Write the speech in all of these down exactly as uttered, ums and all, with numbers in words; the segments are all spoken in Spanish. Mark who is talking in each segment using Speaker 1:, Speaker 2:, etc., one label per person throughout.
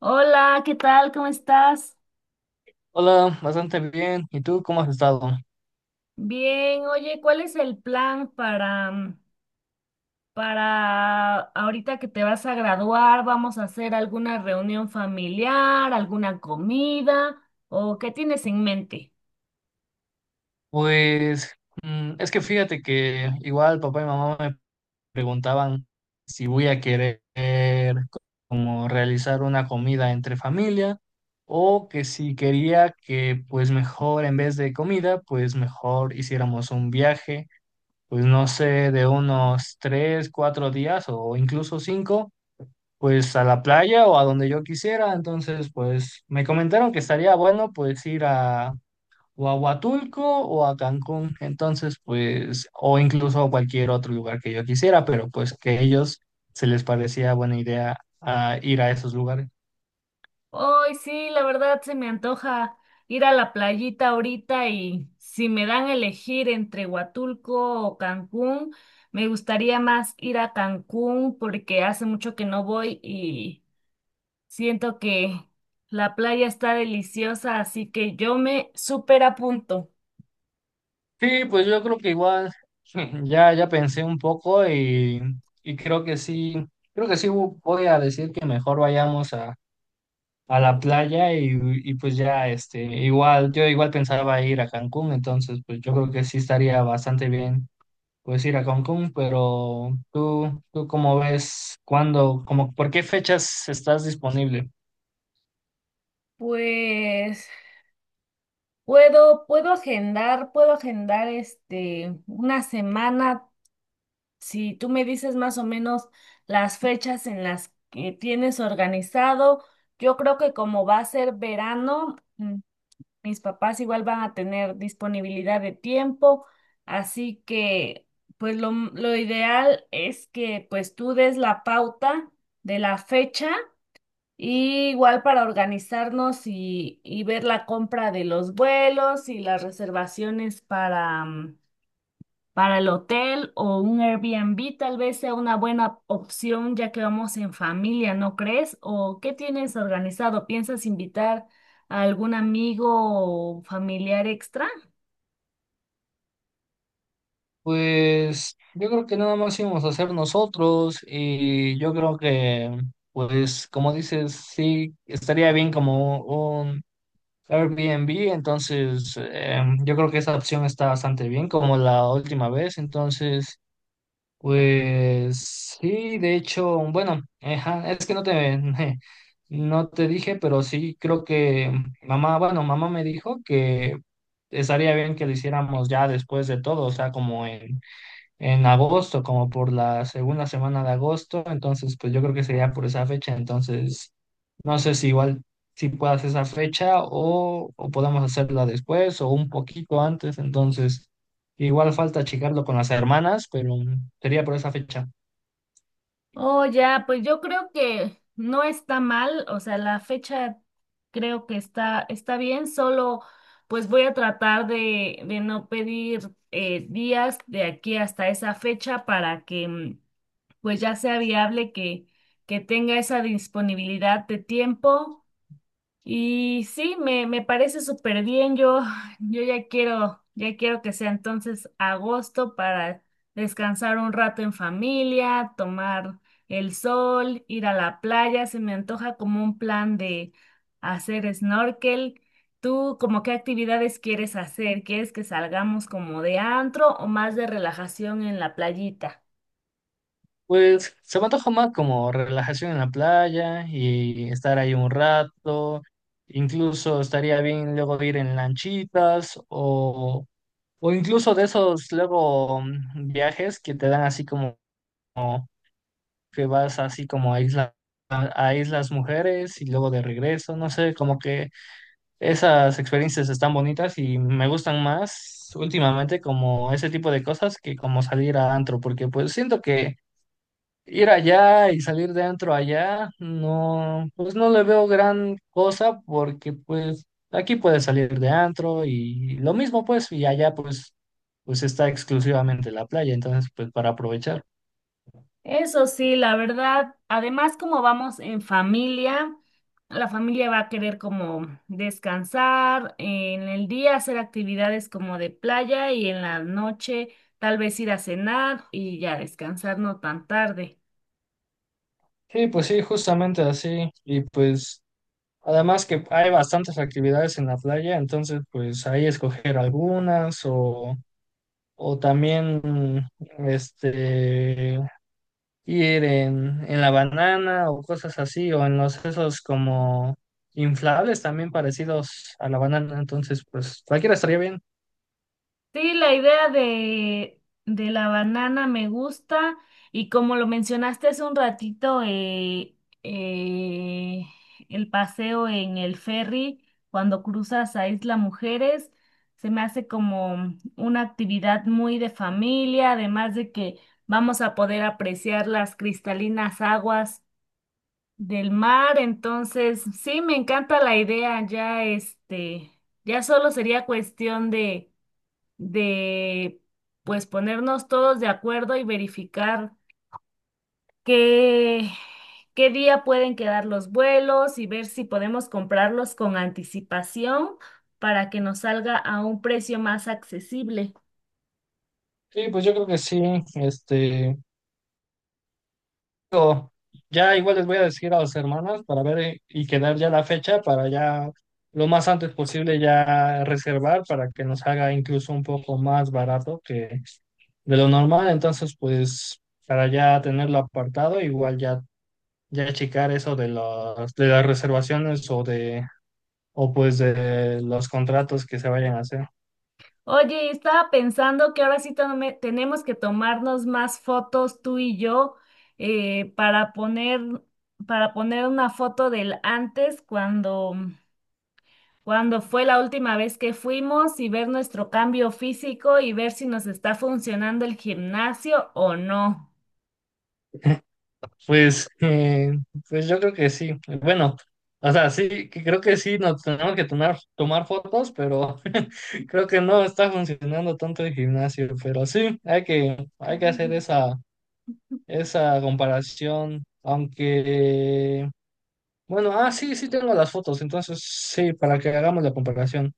Speaker 1: Hola, ¿qué tal? ¿Cómo estás?
Speaker 2: Hola, bastante bien. ¿Y tú cómo has estado?
Speaker 1: Bien, oye, ¿cuál es el plan para, mm, para ahorita que te vas a graduar? ¿Vamos a hacer alguna reunión familiar, alguna comida o qué tienes en mente?
Speaker 2: Pues mm, es que fíjate que igual papá y mamá me preguntaban si voy a querer como realizar una comida entre familia o que si quería que pues mejor en vez de comida pues mejor hiciéramos un viaje, pues no sé, de unos tres, cuatro días o incluso cinco pues a la playa o a donde yo quisiera. Entonces, pues me comentaron que estaría bueno pues ir a o a Huatulco o a Cancún, entonces pues, o incluso a cualquier otro lugar que yo quisiera, pero pues que a ellos se les parecía buena idea ah, ir a esos lugares.
Speaker 1: Hoy sí, la verdad se me antoja ir a la playita ahorita y si me dan a elegir entre Huatulco o Cancún, me gustaría más ir a Cancún porque hace mucho que no voy y... Siento que la playa está deliciosa, así que yo me súper apunto.
Speaker 2: Sí, pues yo creo que igual ya, ya pensé un poco y, y creo que sí, creo que sí vo- voy a decir que mejor vayamos a, a la playa y, y pues ya este, igual, yo igual pensaba ir a Cancún, entonces pues yo creo que sí estaría bastante bien pues ir a Cancún, pero tú, tú cómo ves, cuándo, como, ¿por qué fechas estás disponible?
Speaker 1: Pues puedo, puedo agendar, puedo agendar este una semana. Si tú me dices más o menos las fechas en las que tienes organizado, yo creo que como va a ser verano. mm, Mis papás igual van a tener disponibilidad de tiempo, así que pues lo, lo ideal es que pues tú des la pauta de la fecha y igual para organizarnos y, y ver la compra de los vuelos y las reservaciones para mm, para el hotel o un Airbnb tal vez sea una buena opción ya que vamos en familia, ¿no crees? ¿O qué tienes organizado? ¿Piensas invitar a algún amigo o familiar extra?
Speaker 2: Pues yo creo que nada más íbamos a hacer nosotros y yo creo que, pues como dices, sí, estaría bien como un Airbnb, entonces eh, yo creo que esa opción está bastante bien como la última vez, entonces... Pues sí, de hecho, bueno, ajá, es que no te, no te dije, pero sí creo que mamá, bueno, mamá me dijo que estaría bien que lo hiciéramos ya después de todo, o sea, como en en agosto, como por la segunda semana de agosto, entonces pues yo creo que sería por esa fecha, entonces no sé si igual si puedas esa fecha o, o podemos hacerla después o un poquito antes, entonces igual falta checarlo con las hermanas, pero mm, sería por esa fecha.
Speaker 1: Oh, ya, pues yo creo que no está mal, o sea, la fecha creo que está, está bien, solo pues voy a tratar de, de no pedir eh, días de aquí hasta esa fecha para que mm, pues ya sea viable que, que tenga esa disponibilidad de tiempo. Y sí, me, me parece súper bien. Yo, yo ya quiero, ya quiero que sea entonces agosto para descansar un rato en familia, tomar el sol, ir a la playa. Se me antoja como un plan de hacer snorkel. ¿Tú como qué actividades quieres hacer? ¿Quieres que salgamos como de antro o más de relajación en la playita?
Speaker 2: Pues se me antoja más como relajación en la playa y estar ahí un rato, incluso estaría bien luego ir en lanchitas o O incluso de esos luego mm, viajes que te dan así como como que vas así como a isla, a Islas Mujeres y luego de regreso, no sé, como que esas experiencias están bonitas y me gustan más últimamente como ese tipo de cosas que como salir a antro, porque pues siento que ir allá y salir dentro allá, no, pues no le veo gran cosa porque pues aquí puedes salir de antro y lo mismo pues y allá pues pues está exclusivamente la playa, entonces pues para aprovechar.
Speaker 1: Eso sí, la verdad, además como vamos en familia, la familia va a querer como descansar, en el día hacer actividades como de playa y en la noche tal vez ir a cenar y ya descansar no tan tarde.
Speaker 2: Sí, pues sí, justamente así y pues además que hay bastantes actividades en la playa, entonces pues ahí escoger algunas o o también este ir en, en la banana o cosas así, o en los esos como inflables también parecidos a la banana, entonces pues cualquiera estaría bien.
Speaker 1: Sí, la idea de, de la banana me gusta y como lo mencionaste hace un ratito, eh, eh, el paseo en el ferry cuando cruzas a Isla Mujeres se me hace como una actividad muy de familia, además de que vamos a poder apreciar las cristalinas aguas del mar, entonces sí, me encanta la idea, ya este, ya solo sería cuestión de de pues ponernos todos de acuerdo y verificar qué, qué día pueden quedar los vuelos y ver si podemos comprarlos con anticipación para que nos salga a un precio más accesible.
Speaker 2: Sí, pues yo creo que sí, este, digo, ya igual les voy a decir a los hermanos para ver eh, y quedar ya la fecha para ya lo más antes posible ya reservar para que nos haga incluso un poco más barato que de lo normal, entonces pues para ya tenerlo apartado, igual ya ya checar eso de las, de las reservaciones o de, o pues de los contratos que se vayan a hacer.
Speaker 1: Oye, estaba pensando que ahora sí tome- tenemos que tomarnos más fotos tú y yo eh, para poner, para poner una foto del antes cuando cuándo fue la última vez que fuimos y ver nuestro cambio físico y ver si nos está funcionando el gimnasio o no.
Speaker 2: Pues, eh, pues yo creo que sí. Bueno, o sea, sí, que creo que sí nos tenemos que tomar, tomar fotos, pero creo que no está funcionando tanto el gimnasio. Pero sí, hay que, hay que hacer
Speaker 1: Ujú.
Speaker 2: esa, esa comparación, aunque... Bueno, ah, sí, sí tengo las fotos, entonces sí, para que hagamos la comparación.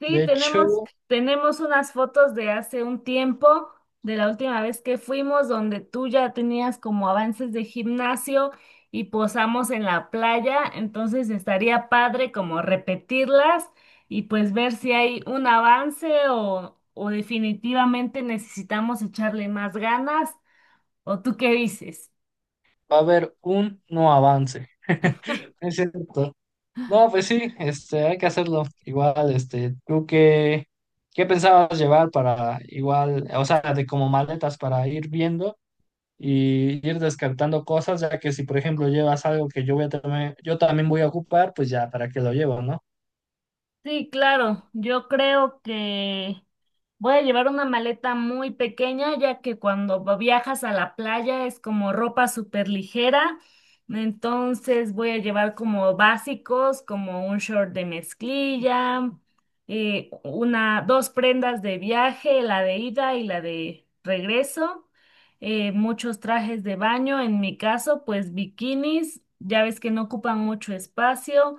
Speaker 1: Sí,
Speaker 2: De
Speaker 1: tenemos,
Speaker 2: hecho,
Speaker 1: tenemos unas fotos de hace un tiempo, de la última vez que fuimos, donde tú ya tenías como avances de gimnasio y posamos en la playa, entonces estaría padre como repetirlas y pues ver si hay un avance o, o definitivamente necesitamos echarle más ganas. ¿O tú qué dices?
Speaker 2: va a haber un no avance. Es cierto. No, pues sí, este, hay que hacerlo. Igual, este, ¿tú qué, qué pensabas llevar para igual, o sea, de como maletas para ir viendo y ir descartando cosas, ya que si por ejemplo llevas algo que yo voy a también, yo también voy a ocupar, pues ya, ¿para qué lo llevo, no?
Speaker 1: Sí, claro, yo creo que voy a llevar una maleta muy pequeña, ya que cuando viajas a la playa es como ropa súper ligera, entonces voy a llevar como básicos, como un short de mezclilla, eh, una, dos prendas de viaje, la de ida y la de regreso, eh, muchos trajes de baño, en mi caso, pues bikinis, ya ves que no ocupan mucho espacio.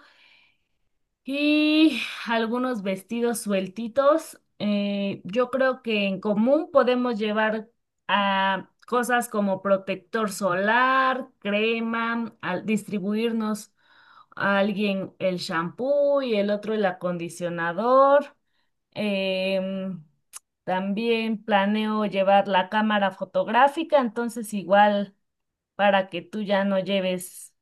Speaker 1: Y algunos vestidos sueltitos. Eh, yo creo que en común podemos llevar a cosas como protector solar, crema, al distribuirnos a alguien el shampoo y el otro el acondicionador. Em, También planeo llevar la cámara fotográfica, entonces igual para que tú ya no lleves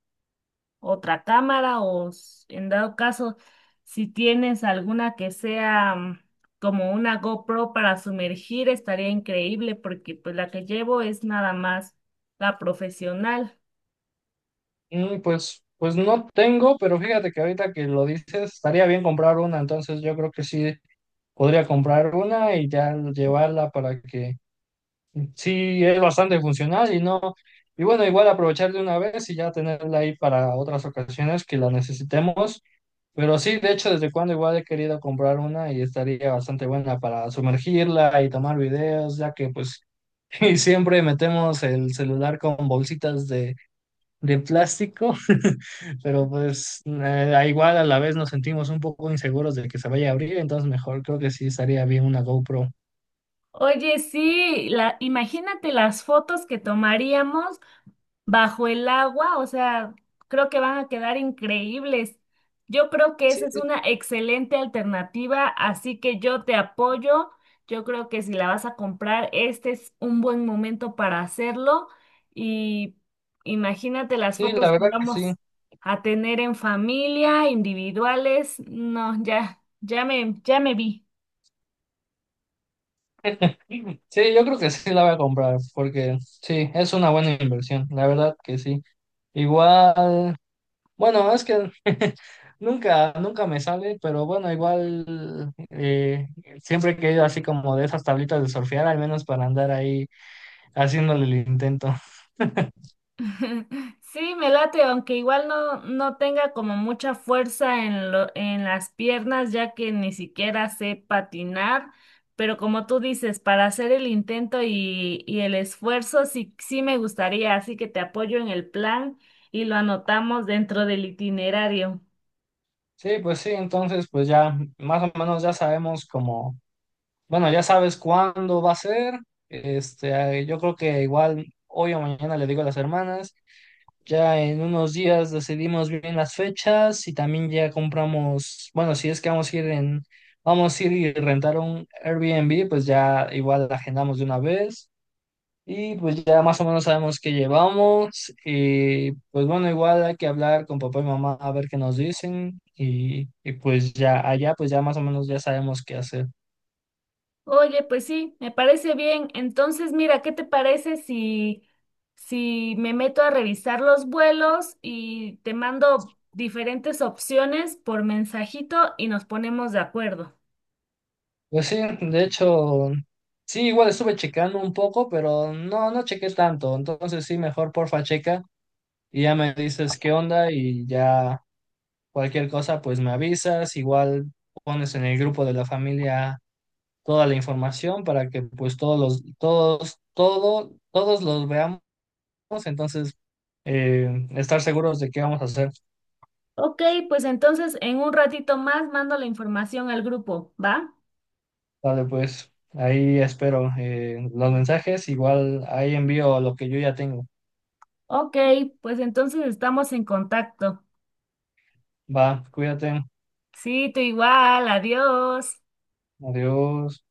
Speaker 1: otra cámara o s- en dado caso, si tienes alguna que sea mm, como una GoPro para sumergir, estaría increíble porque pues la que llevo es nada más la profesional.
Speaker 2: Mm, pues, pues no tengo, pero fíjate que ahorita que lo dices, estaría bien comprar una, entonces yo creo que sí podría comprar una y ya llevarla para que sí es bastante funcional y no, y bueno, igual aprovechar de una vez y ya tenerla ahí para otras ocasiones que la necesitemos. Pero sí, de hecho, desde cuando igual he querido comprar una y estaría bastante buena para sumergirla y tomar videos, ya que pues y siempre metemos el celular con bolsitas de, de plástico, pero pues eh, a igual a la vez nos sentimos un poco inseguros de que se vaya a abrir, entonces mejor creo que sí estaría bien una GoPro.
Speaker 1: Oye, sí, la, imagínate las fotos que tomaríamos bajo el agua, o sea, creo que van a quedar increíbles. Yo creo que esa
Speaker 2: Sí,
Speaker 1: es una excelente alternativa, así que yo te apoyo. Yo creo que si la vas a comprar, este es un buen momento para hacerlo y imagínate las
Speaker 2: sí, la
Speaker 1: fotos que
Speaker 2: verdad que sí.
Speaker 1: vamos a tener en familia, individuales. No, ya, ya me, ya me vi.
Speaker 2: Sí, yo creo que sí la voy a comprar porque sí, es una buena inversión, la verdad que sí. Igual, bueno, es que nunca, nunca me sale, pero bueno, igual eh, siempre he querido así como de esas tablitas de surfear, al menos para andar ahí haciéndole el intento.
Speaker 1: Sí, me late, aunque igual no, no tenga como mucha fuerza en lo- en las piernas, ya que ni siquiera sé patinar, pero como tú dices, para hacer el intento y, y el esfuerzo, sí, sí me gustaría, así que te apoyo en el plan y lo anotamos dentro del itinerario.
Speaker 2: Sí, pues sí, entonces pues ya más o menos ya sabemos como, bueno, ya sabes cuándo va a ser. Este, eh, yo creo que igual hoy o mañana le digo a las hermanas. Ya en unos días decidimos bien las fechas y también ya compramos, bueno, si es que vamos a ir en, vamos a ir y rentar un Airbnb, pues ya igual agendamos de una vez y pues ya más o menos sabemos qué llevamos y pues bueno, igual hay que hablar con papá y mamá a ver qué nos dicen y, y pues ya allá pues ya más o menos ya sabemos qué hacer.
Speaker 1: Oye, pues sí, me parece bien. Entonces, mira, ¿qué te parece si, si me meto a revisar los vuelos y te mando diferentes opciones por mensajito y nos ponemos de acuerdo?
Speaker 2: Pues sí, de hecho, sí, igual estuve checando un poco, pero no, no chequé tanto, entonces sí, mejor porfa checa y ya me dices qué onda y ya cualquier cosa pues me avisas, igual pones en el grupo de la familia toda la información para que pues todos los, todos, todo, todos los veamos, entonces eh, estar seguros de qué vamos a hacer.
Speaker 1: Ok, pues entonces en un ratito más mando la información al grupo, ¿va?
Speaker 2: Vale, pues ahí espero eh, los mensajes, igual ahí envío lo que yo ya tengo.
Speaker 1: Ok, pues entonces estamos en contacto.
Speaker 2: Va, cuídate,
Speaker 1: Sí, tú igual, adiós.
Speaker 2: adiós.